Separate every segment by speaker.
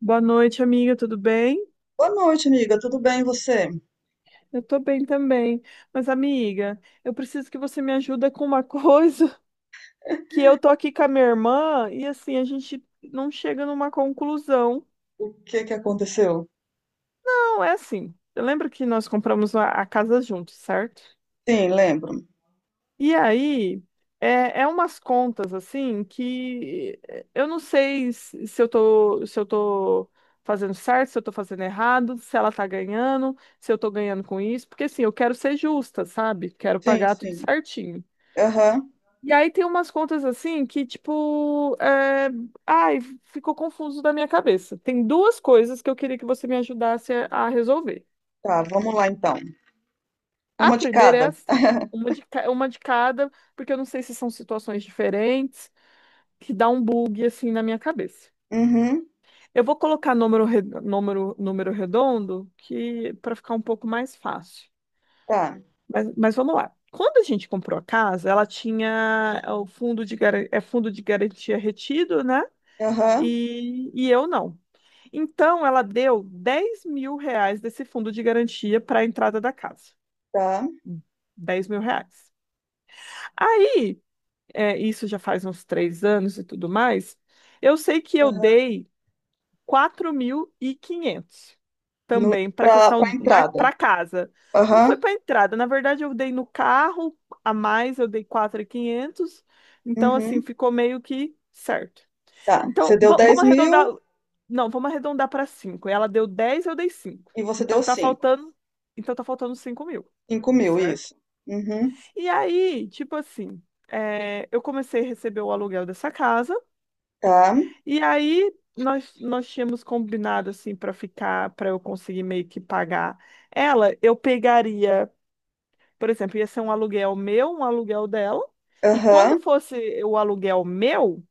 Speaker 1: Boa noite, amiga, tudo bem?
Speaker 2: Boa noite, amiga. Tudo bem, e você?
Speaker 1: Eu tô bem também. Mas, amiga, eu preciso que você me ajuda com uma coisa, que eu tô aqui com a minha irmã e assim a gente não chega numa conclusão.
Speaker 2: O que que aconteceu?
Speaker 1: Não, é assim. Lembra que nós compramos a casa juntos, certo?
Speaker 2: Sim, lembro.
Speaker 1: E aí, é umas contas assim que eu não sei se eu tô, se eu tô fazendo certo, se eu tô fazendo errado, se ela tá ganhando, se eu tô ganhando com isso, porque assim, eu quero ser justa, sabe? Quero
Speaker 2: Sim,
Speaker 1: pagar tudo
Speaker 2: sim.
Speaker 1: certinho.
Speaker 2: Aham.
Speaker 1: E aí tem umas contas assim que, tipo, ai, ficou confuso da minha cabeça. Tem duas coisas que eu queria que você me ajudasse a resolver.
Speaker 2: Tá, vamos lá então.
Speaker 1: A
Speaker 2: Uma de
Speaker 1: primeira é
Speaker 2: cada.
Speaker 1: assim, uma de cada, porque eu não sei se são situações diferentes, que dá um bug assim na minha cabeça.
Speaker 2: Uhum.
Speaker 1: Eu vou colocar número redondo que para ficar um pouco mais fácil.
Speaker 2: Tá.
Speaker 1: Mas vamos lá. Quando a gente comprou a casa, ela tinha o fundo de garantia retido, né?
Speaker 2: Aham.
Speaker 1: E eu não. Então, ela deu 10.000 reais desse fundo de garantia para a entrada da casa.
Speaker 2: Tá.
Speaker 1: 10.000 reais. Aí, isso já faz uns 3 anos e tudo mais. Eu sei que eu
Speaker 2: Aham.
Speaker 1: dei 4.500
Speaker 2: No,
Speaker 1: também para
Speaker 2: pra,
Speaker 1: questão,
Speaker 2: pra entrada.
Speaker 1: para casa. Não
Speaker 2: Aham.
Speaker 1: foi para entrada, na verdade eu dei no carro a mais, eu dei 4.500. Então assim,
Speaker 2: Uhum.
Speaker 1: ficou meio que certo.
Speaker 2: Tá. Você
Speaker 1: Então,
Speaker 2: deu
Speaker 1: vamos
Speaker 2: 10
Speaker 1: arredondar.
Speaker 2: mil
Speaker 1: Não, vamos arredondar para cinco. Ela deu dez, eu dei cinco.
Speaker 2: e você
Speaker 1: Então
Speaker 2: deu
Speaker 1: tá
Speaker 2: 5.
Speaker 1: faltando, então tá faltando 5.000,
Speaker 2: 5 mil,
Speaker 1: certo?
Speaker 2: isso. Uhum.
Speaker 1: E aí, tipo assim, eu comecei a receber o aluguel dessa casa.
Speaker 2: Tá.
Speaker 1: E aí nós tínhamos combinado assim para ficar, para eu conseguir meio que pagar ela, eu pegaria, por exemplo, ia ser um aluguel meu, um aluguel dela, e quando
Speaker 2: Aham.
Speaker 1: fosse o aluguel meu,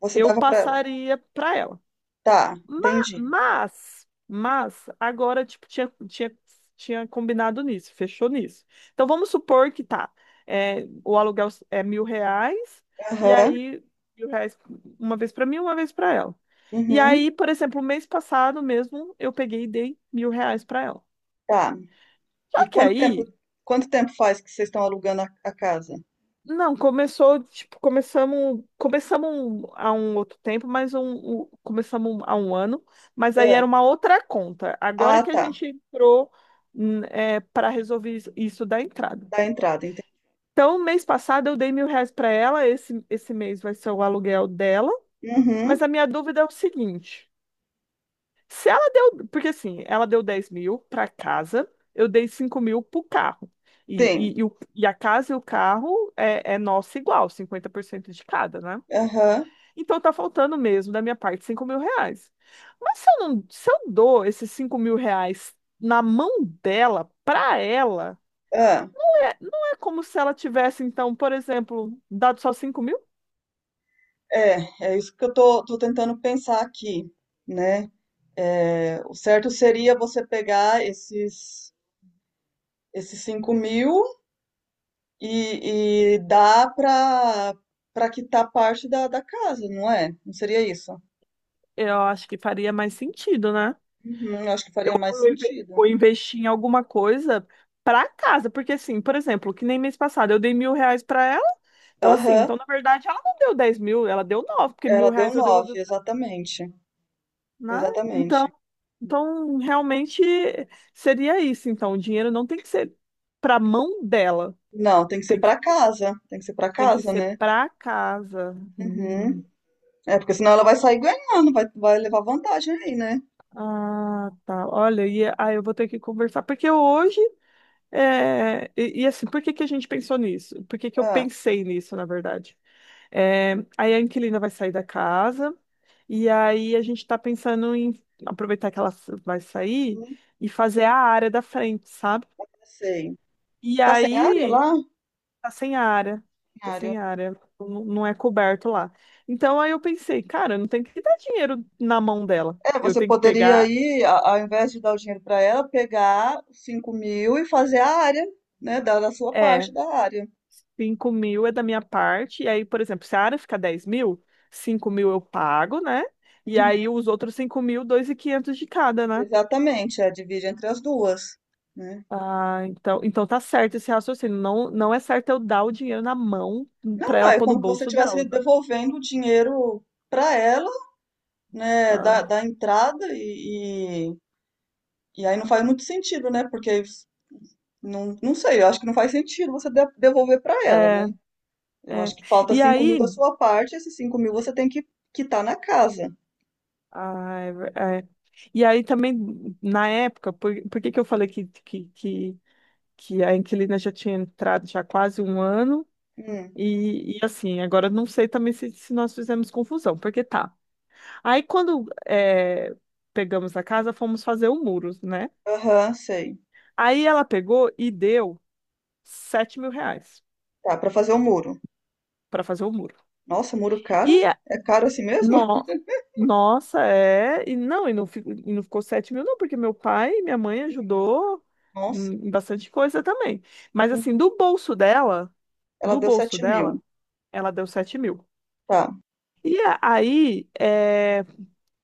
Speaker 2: Você
Speaker 1: eu
Speaker 2: dava pra ela.
Speaker 1: passaria para ela.
Speaker 2: Tá,
Speaker 1: Ma-
Speaker 2: entendi.
Speaker 1: mas, agora, tipo, tinha combinado nisso, fechou nisso. Então, vamos supor que tá, o aluguel é 1.000 reais, e
Speaker 2: Aham.
Speaker 1: aí, 1.000 reais uma vez pra mim, uma vez pra ela. E
Speaker 2: Uhum.
Speaker 1: aí, por exemplo, mês passado mesmo, eu peguei e dei 1.000 reais pra ela.
Speaker 2: Tá. E
Speaker 1: Só que
Speaker 2: quanto tempo,
Speaker 1: aí,
Speaker 2: quanto tempo faz que vocês estão alugando a casa?
Speaker 1: não, começou, tipo, começamos há um outro tempo, mas começamos há um ano, mas aí
Speaker 2: Hã.
Speaker 1: era uma outra conta. Agora
Speaker 2: Ah,
Speaker 1: que a
Speaker 2: tá.
Speaker 1: gente entrou, para resolver isso da entrada.
Speaker 2: Da entrada, enten
Speaker 1: Então, mês passado eu dei 1.000 reais para ela, esse mês vai ser o aluguel dela, mas
Speaker 2: Uhum.
Speaker 1: a minha dúvida é o seguinte. Se ela deu, porque assim, ela deu 10 mil para casa, eu dei 5.000 pro carro. E,
Speaker 2: Sim.
Speaker 1: e, e, o- e a casa e o carro é nossa igual, 50% de cada, né?
Speaker 2: Aham.
Speaker 1: Então tá faltando mesmo da minha parte 5.000 reais. Mas se eu não, se eu dou esses 5.000 reais na mão dela, pra ela,
Speaker 2: Ah,
Speaker 1: não é como se ela tivesse, então, por exemplo, dado só 5.000?
Speaker 2: é isso que eu tô tentando pensar aqui, né. Eh, o certo seria você pegar esses 5.000 e dar para, para quitar parte da casa, não é? Não seria isso?
Speaker 1: Eu acho que faria mais sentido, né?
Speaker 2: Uhum, eu acho que
Speaker 1: Eu
Speaker 2: faria mais
Speaker 1: vou
Speaker 2: sentido.
Speaker 1: vou investir em alguma coisa para casa, porque assim, por exemplo, que nem mês passado eu dei mil reais para ela, então assim,
Speaker 2: Aham.
Speaker 1: então na verdade ela não deu 10.000, ela deu nove, porque mil
Speaker 2: Ela deu
Speaker 1: reais eu devolvi,
Speaker 2: 9, exatamente,
Speaker 1: né? Então,
Speaker 2: exatamente.
Speaker 1: então realmente seria isso. Então, o dinheiro não tem que ser para mão dela,
Speaker 2: Não, tem que ser
Speaker 1: tem que,
Speaker 2: para casa, tem que ser para
Speaker 1: tem que
Speaker 2: casa,
Speaker 1: ser
Speaker 2: né.
Speaker 1: para casa. Hum.
Speaker 2: Uhum. É, porque senão ela vai sair ganhando, vai, vai levar vantagem aí, né?
Speaker 1: Ah, tá. Olha, e eu vou ter que conversar, porque hoje. É, e assim, por que que a gente pensou nisso? Por que que eu
Speaker 2: Ah,
Speaker 1: pensei nisso, na verdade? É, aí a inquilina vai sair da casa, e aí a gente está pensando em aproveitar que ela vai sair
Speaker 2: não
Speaker 1: e fazer a área da frente, sabe?
Speaker 2: sei.
Speaker 1: E
Speaker 2: Tá sem área
Speaker 1: aí
Speaker 2: lá? Sem
Speaker 1: tá sem área, tá
Speaker 2: área.
Speaker 1: sem área, não, não é coberto lá. Então aí eu pensei, cara, eu não tenho que dar dinheiro na mão dela,
Speaker 2: É,
Speaker 1: eu
Speaker 2: você
Speaker 1: tenho que
Speaker 2: poderia
Speaker 1: pegar.
Speaker 2: aí, ao invés de dar o dinheiro para ela, pegar os 5 mil e fazer a área, né? Dar a sua
Speaker 1: É.
Speaker 2: parte da área.
Speaker 1: 5.000 é da minha parte. E aí, por exemplo, se a área ficar 10.000, 5.000 eu pago, né? E
Speaker 2: Uhum,
Speaker 1: aí os outros 5.000, 2.500 de cada, né?
Speaker 2: exatamente, é, divide entre as duas, né?
Speaker 1: Ah, então tá certo esse raciocínio. Não, não é certo eu dar o dinheiro na mão
Speaker 2: Não,
Speaker 1: pra
Speaker 2: não,
Speaker 1: ela
Speaker 2: é
Speaker 1: pôr no
Speaker 2: como que você
Speaker 1: bolso
Speaker 2: estivesse
Speaker 1: dela, né?
Speaker 2: devolvendo o dinheiro para ela, né? Da,
Speaker 1: Tá.
Speaker 2: da entrada e aí não faz muito sentido, né? Porque não, não sei, eu acho que não faz sentido você devolver para ela,
Speaker 1: É,
Speaker 2: né? Eu
Speaker 1: é.
Speaker 2: acho que falta
Speaker 1: E
Speaker 2: cinco mil da
Speaker 1: aí,
Speaker 2: sua parte, esses 5 mil você tem que quitar na casa.
Speaker 1: é. E aí também, na época, por que que eu falei que, que a inquilina já tinha entrado já há quase um ano?
Speaker 2: Hum,
Speaker 1: E, assim, agora não sei também se nós fizemos confusão, porque tá. Aí quando pegamos a casa, fomos fazer o muro, né?
Speaker 2: aham, sei.
Speaker 1: Aí ela pegou e deu 7.000 reais
Speaker 2: Tá, para fazer o muro.
Speaker 1: para fazer o muro.
Speaker 2: Nossa, muro caro, hein?
Speaker 1: E a-
Speaker 2: É caro assim mesmo?
Speaker 1: no, Nossa, é. E não ficou 7.000, não, porque meu pai e minha mãe ajudou
Speaker 2: Nossa,
Speaker 1: em bastante coisa também. Mas assim,
Speaker 2: uhum, ela
Speaker 1: do
Speaker 2: deu
Speaker 1: bolso
Speaker 2: sete
Speaker 1: dela,
Speaker 2: mil.
Speaker 1: ela deu 7.000.
Speaker 2: Tá.
Speaker 1: E a- aí. eh,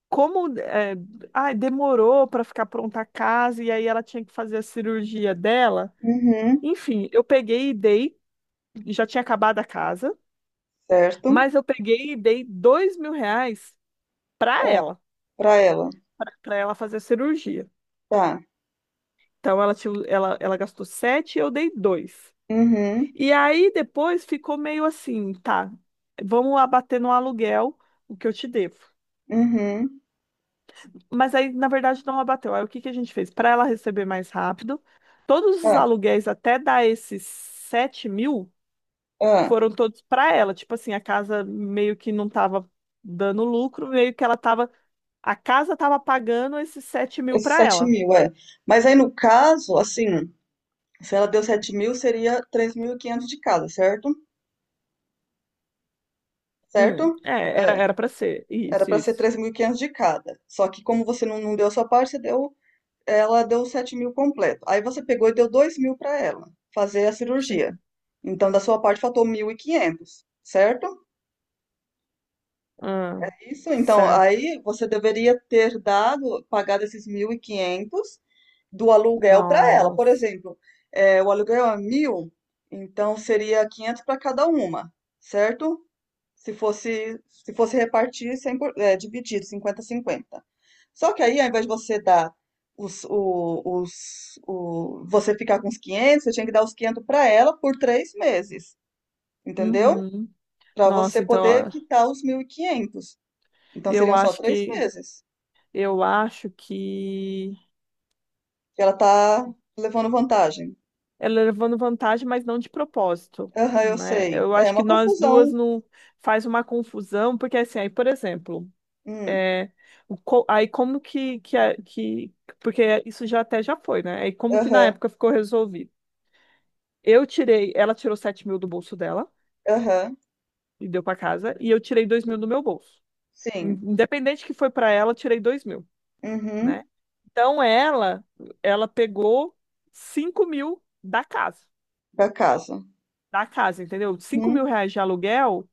Speaker 1: Como é, ai, demorou para ficar pronta a casa e aí ela tinha que fazer a cirurgia dela.
Speaker 2: Uhum,
Speaker 1: Enfim, eu peguei e dei, já tinha acabado a casa,
Speaker 2: certo.
Speaker 1: mas eu peguei e dei 2.000 reais para
Speaker 2: Ah,
Speaker 1: ela,
Speaker 2: pra ela.
Speaker 1: para ela fazer a cirurgia.
Speaker 2: Tá.
Speaker 1: Então ela gastou sete e eu dei dois.
Speaker 2: Uhum,
Speaker 1: E aí depois ficou meio assim, tá, vamos abater no aluguel o que eu te devo.
Speaker 2: uhum.
Speaker 1: Mas aí, na verdade, não abateu. Aí o que que a gente fez? Para ela receber mais rápido, todos os
Speaker 2: Ah,
Speaker 1: aluguéis até dar esses 7.000
Speaker 2: ah,
Speaker 1: foram todos para ela. Tipo assim, a casa meio que não estava dando lucro, meio que ela tava. A casa estava pagando esses 7.000
Speaker 2: esses
Speaker 1: para
Speaker 2: 7
Speaker 1: ela.
Speaker 2: mil, é. Mas aí no caso, assim, se ela deu 7 mil, seria 3.500 de casa, certo? Certo?
Speaker 1: É, era
Speaker 2: É,
Speaker 1: era para ser.
Speaker 2: era
Speaker 1: Isso,
Speaker 2: para ser
Speaker 1: isso.
Speaker 2: 3.500 de cada. Só que como você não deu a sua parte, você deu, ela deu 7 mil completo. Aí você pegou e deu 2 mil para ela fazer a cirurgia.
Speaker 1: Sim.
Speaker 2: Então, da sua parte, faltou 1.500, certo?
Speaker 1: Ah,
Speaker 2: É, isso, então,
Speaker 1: certo.
Speaker 2: aí você deveria ter dado, pagado esses 1.500 do aluguel para ela. Por
Speaker 1: Nossa.
Speaker 2: exemplo, é, o aluguel é 1.000. Então seria 500 para cada uma, certo? Se fosse, se fosse repartir, cem por- é, dividido, 50 cinquenta. Só que aí, ao invés de você dar você ficar com os quinhentos, você tinha que dar os 500 para ela por três meses, entendeu?
Speaker 1: Uhum.
Speaker 2: Para você
Speaker 1: Nossa, então
Speaker 2: poder
Speaker 1: ó,
Speaker 2: quitar os mil e quinhentos. Então
Speaker 1: eu
Speaker 2: seriam só
Speaker 1: acho
Speaker 2: três
Speaker 1: que
Speaker 2: meses
Speaker 1: eu acho que
Speaker 2: que ela tá levando vantagem.
Speaker 1: ela levando vantagem, mas não de propósito,
Speaker 2: Aham, eu
Speaker 1: né?
Speaker 2: sei.
Speaker 1: Eu
Speaker 2: É
Speaker 1: acho que
Speaker 2: uma
Speaker 1: nós duas
Speaker 2: confusão.
Speaker 1: não faz uma confusão, porque assim, aí, por exemplo,
Speaker 2: Hum,
Speaker 1: é, aí como que, a- que- porque isso já até já foi, né? Aí como que na
Speaker 2: Aham,
Speaker 1: época ficou resolvido? Ela tirou 7.000 do bolso dela
Speaker 2: aham,
Speaker 1: e deu para casa, e eu tirei 2.000 do meu bolso.
Speaker 2: sim.
Speaker 1: Independente que foi para ela, eu tirei 2 mil, né?
Speaker 2: Uhum,
Speaker 1: Então ela pegou 5.000 da casa.
Speaker 2: para casa.
Speaker 1: Da casa, entendeu? cinco mil
Speaker 2: Uhum,
Speaker 1: reais de aluguel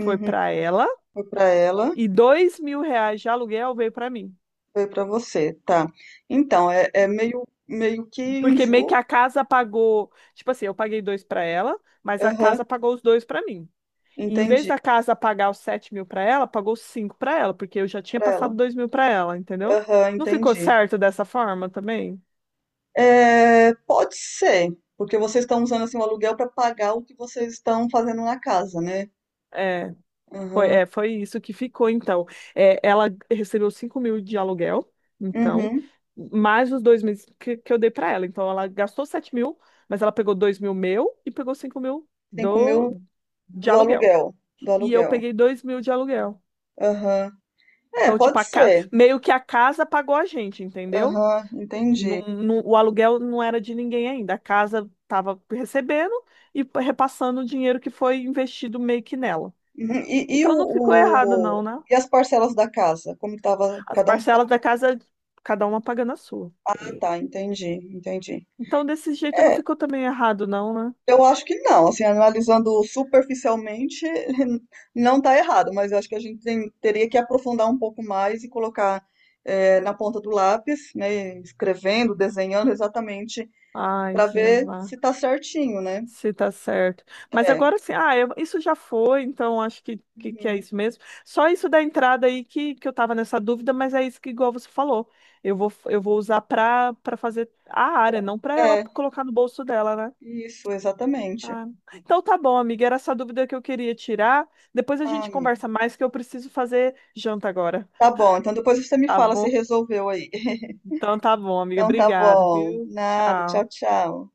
Speaker 1: foi para ela
Speaker 2: Foi para ela.
Speaker 1: e 2.000 reais de aluguel veio para mim.
Speaker 2: Foi pra você, tá. Então, é, é meio, meio que
Speaker 1: Porque meio que
Speaker 2: injusto.
Speaker 1: a casa pagou, tipo assim, eu paguei dois para ela, mas a
Speaker 2: Aham,
Speaker 1: casa pagou os dois para mim. E em vez
Speaker 2: entendi.
Speaker 1: da casa pagar os 7.000 para ela, pagou os cinco para ela, porque eu já tinha
Speaker 2: Para
Speaker 1: passado
Speaker 2: ela.
Speaker 1: 2.000 para ela, entendeu?
Speaker 2: Aham,
Speaker 1: Não ficou
Speaker 2: entendi.
Speaker 1: certo dessa forma também?
Speaker 2: É, pode ser, porque vocês estão usando assim, o aluguel para pagar o que vocês estão fazendo na casa, né?
Speaker 1: É.
Speaker 2: Aham.
Speaker 1: Foi isso que ficou, então. É, ela recebeu 5.000 de aluguel, então,
Speaker 2: Uhum.
Speaker 1: mais os 2 meses que eu dei para ela. Então, ela gastou 7.000, mas ela pegou 2.000 meu e pegou 5.000
Speaker 2: 5 mil
Speaker 1: de
Speaker 2: do
Speaker 1: aluguel.
Speaker 2: aluguel. Do
Speaker 1: E eu
Speaker 2: aluguel.
Speaker 1: peguei 2.000 de aluguel.
Speaker 2: Aham. É,
Speaker 1: Então, tipo,
Speaker 2: pode ser.
Speaker 1: meio que a casa pagou a gente, entendeu?
Speaker 2: Aham,
Speaker 1: Não,
Speaker 2: entendi.
Speaker 1: o aluguel não era de ninguém ainda. A casa estava recebendo e repassando o dinheiro que foi investido meio que nela.
Speaker 2: Uhum.
Speaker 1: Então, não ficou errado, não, né?
Speaker 2: E as parcelas da casa? Como que tava.
Speaker 1: As
Speaker 2: Cada um
Speaker 1: parcelas
Speaker 2: tava.
Speaker 1: da casa, cada uma pagando a sua.
Speaker 2: Tá, entendi, entendi.
Speaker 1: Então, desse jeito não
Speaker 2: É,
Speaker 1: ficou também errado, não, né?
Speaker 2: eu acho que não, assim, analisando superficialmente, não está errado, mas eu acho que a gente teria que aprofundar um pouco mais e colocar eh, na ponta do lápis, né, escrevendo, desenhando exatamente
Speaker 1: Ai,
Speaker 2: para ver
Speaker 1: Jeová,
Speaker 2: se está certinho, né?
Speaker 1: se tá certo. Mas
Speaker 2: É,
Speaker 1: agora sim, isso já foi, então acho que é
Speaker 2: uhum,
Speaker 1: isso mesmo. Só isso da entrada aí que eu tava nessa dúvida, mas é isso que, igual você falou, eu vou usar pra fazer a área, não pra ela
Speaker 2: é,
Speaker 1: colocar no bolso dela, né?
Speaker 2: isso, exatamente.
Speaker 1: Ah, então tá bom, amiga, era essa dúvida que eu queria tirar. Depois a
Speaker 2: Ah,
Speaker 1: gente conversa mais, que eu preciso fazer janta agora,
Speaker 2: tá bom, então depois você me
Speaker 1: tá
Speaker 2: fala se
Speaker 1: bom?
Speaker 2: resolveu aí.
Speaker 1: Então tá bom, amiga.
Speaker 2: Então tá
Speaker 1: Obrigado,
Speaker 2: bom,
Speaker 1: viu?
Speaker 2: nada, tchau,
Speaker 1: Tchau.
Speaker 2: tchau.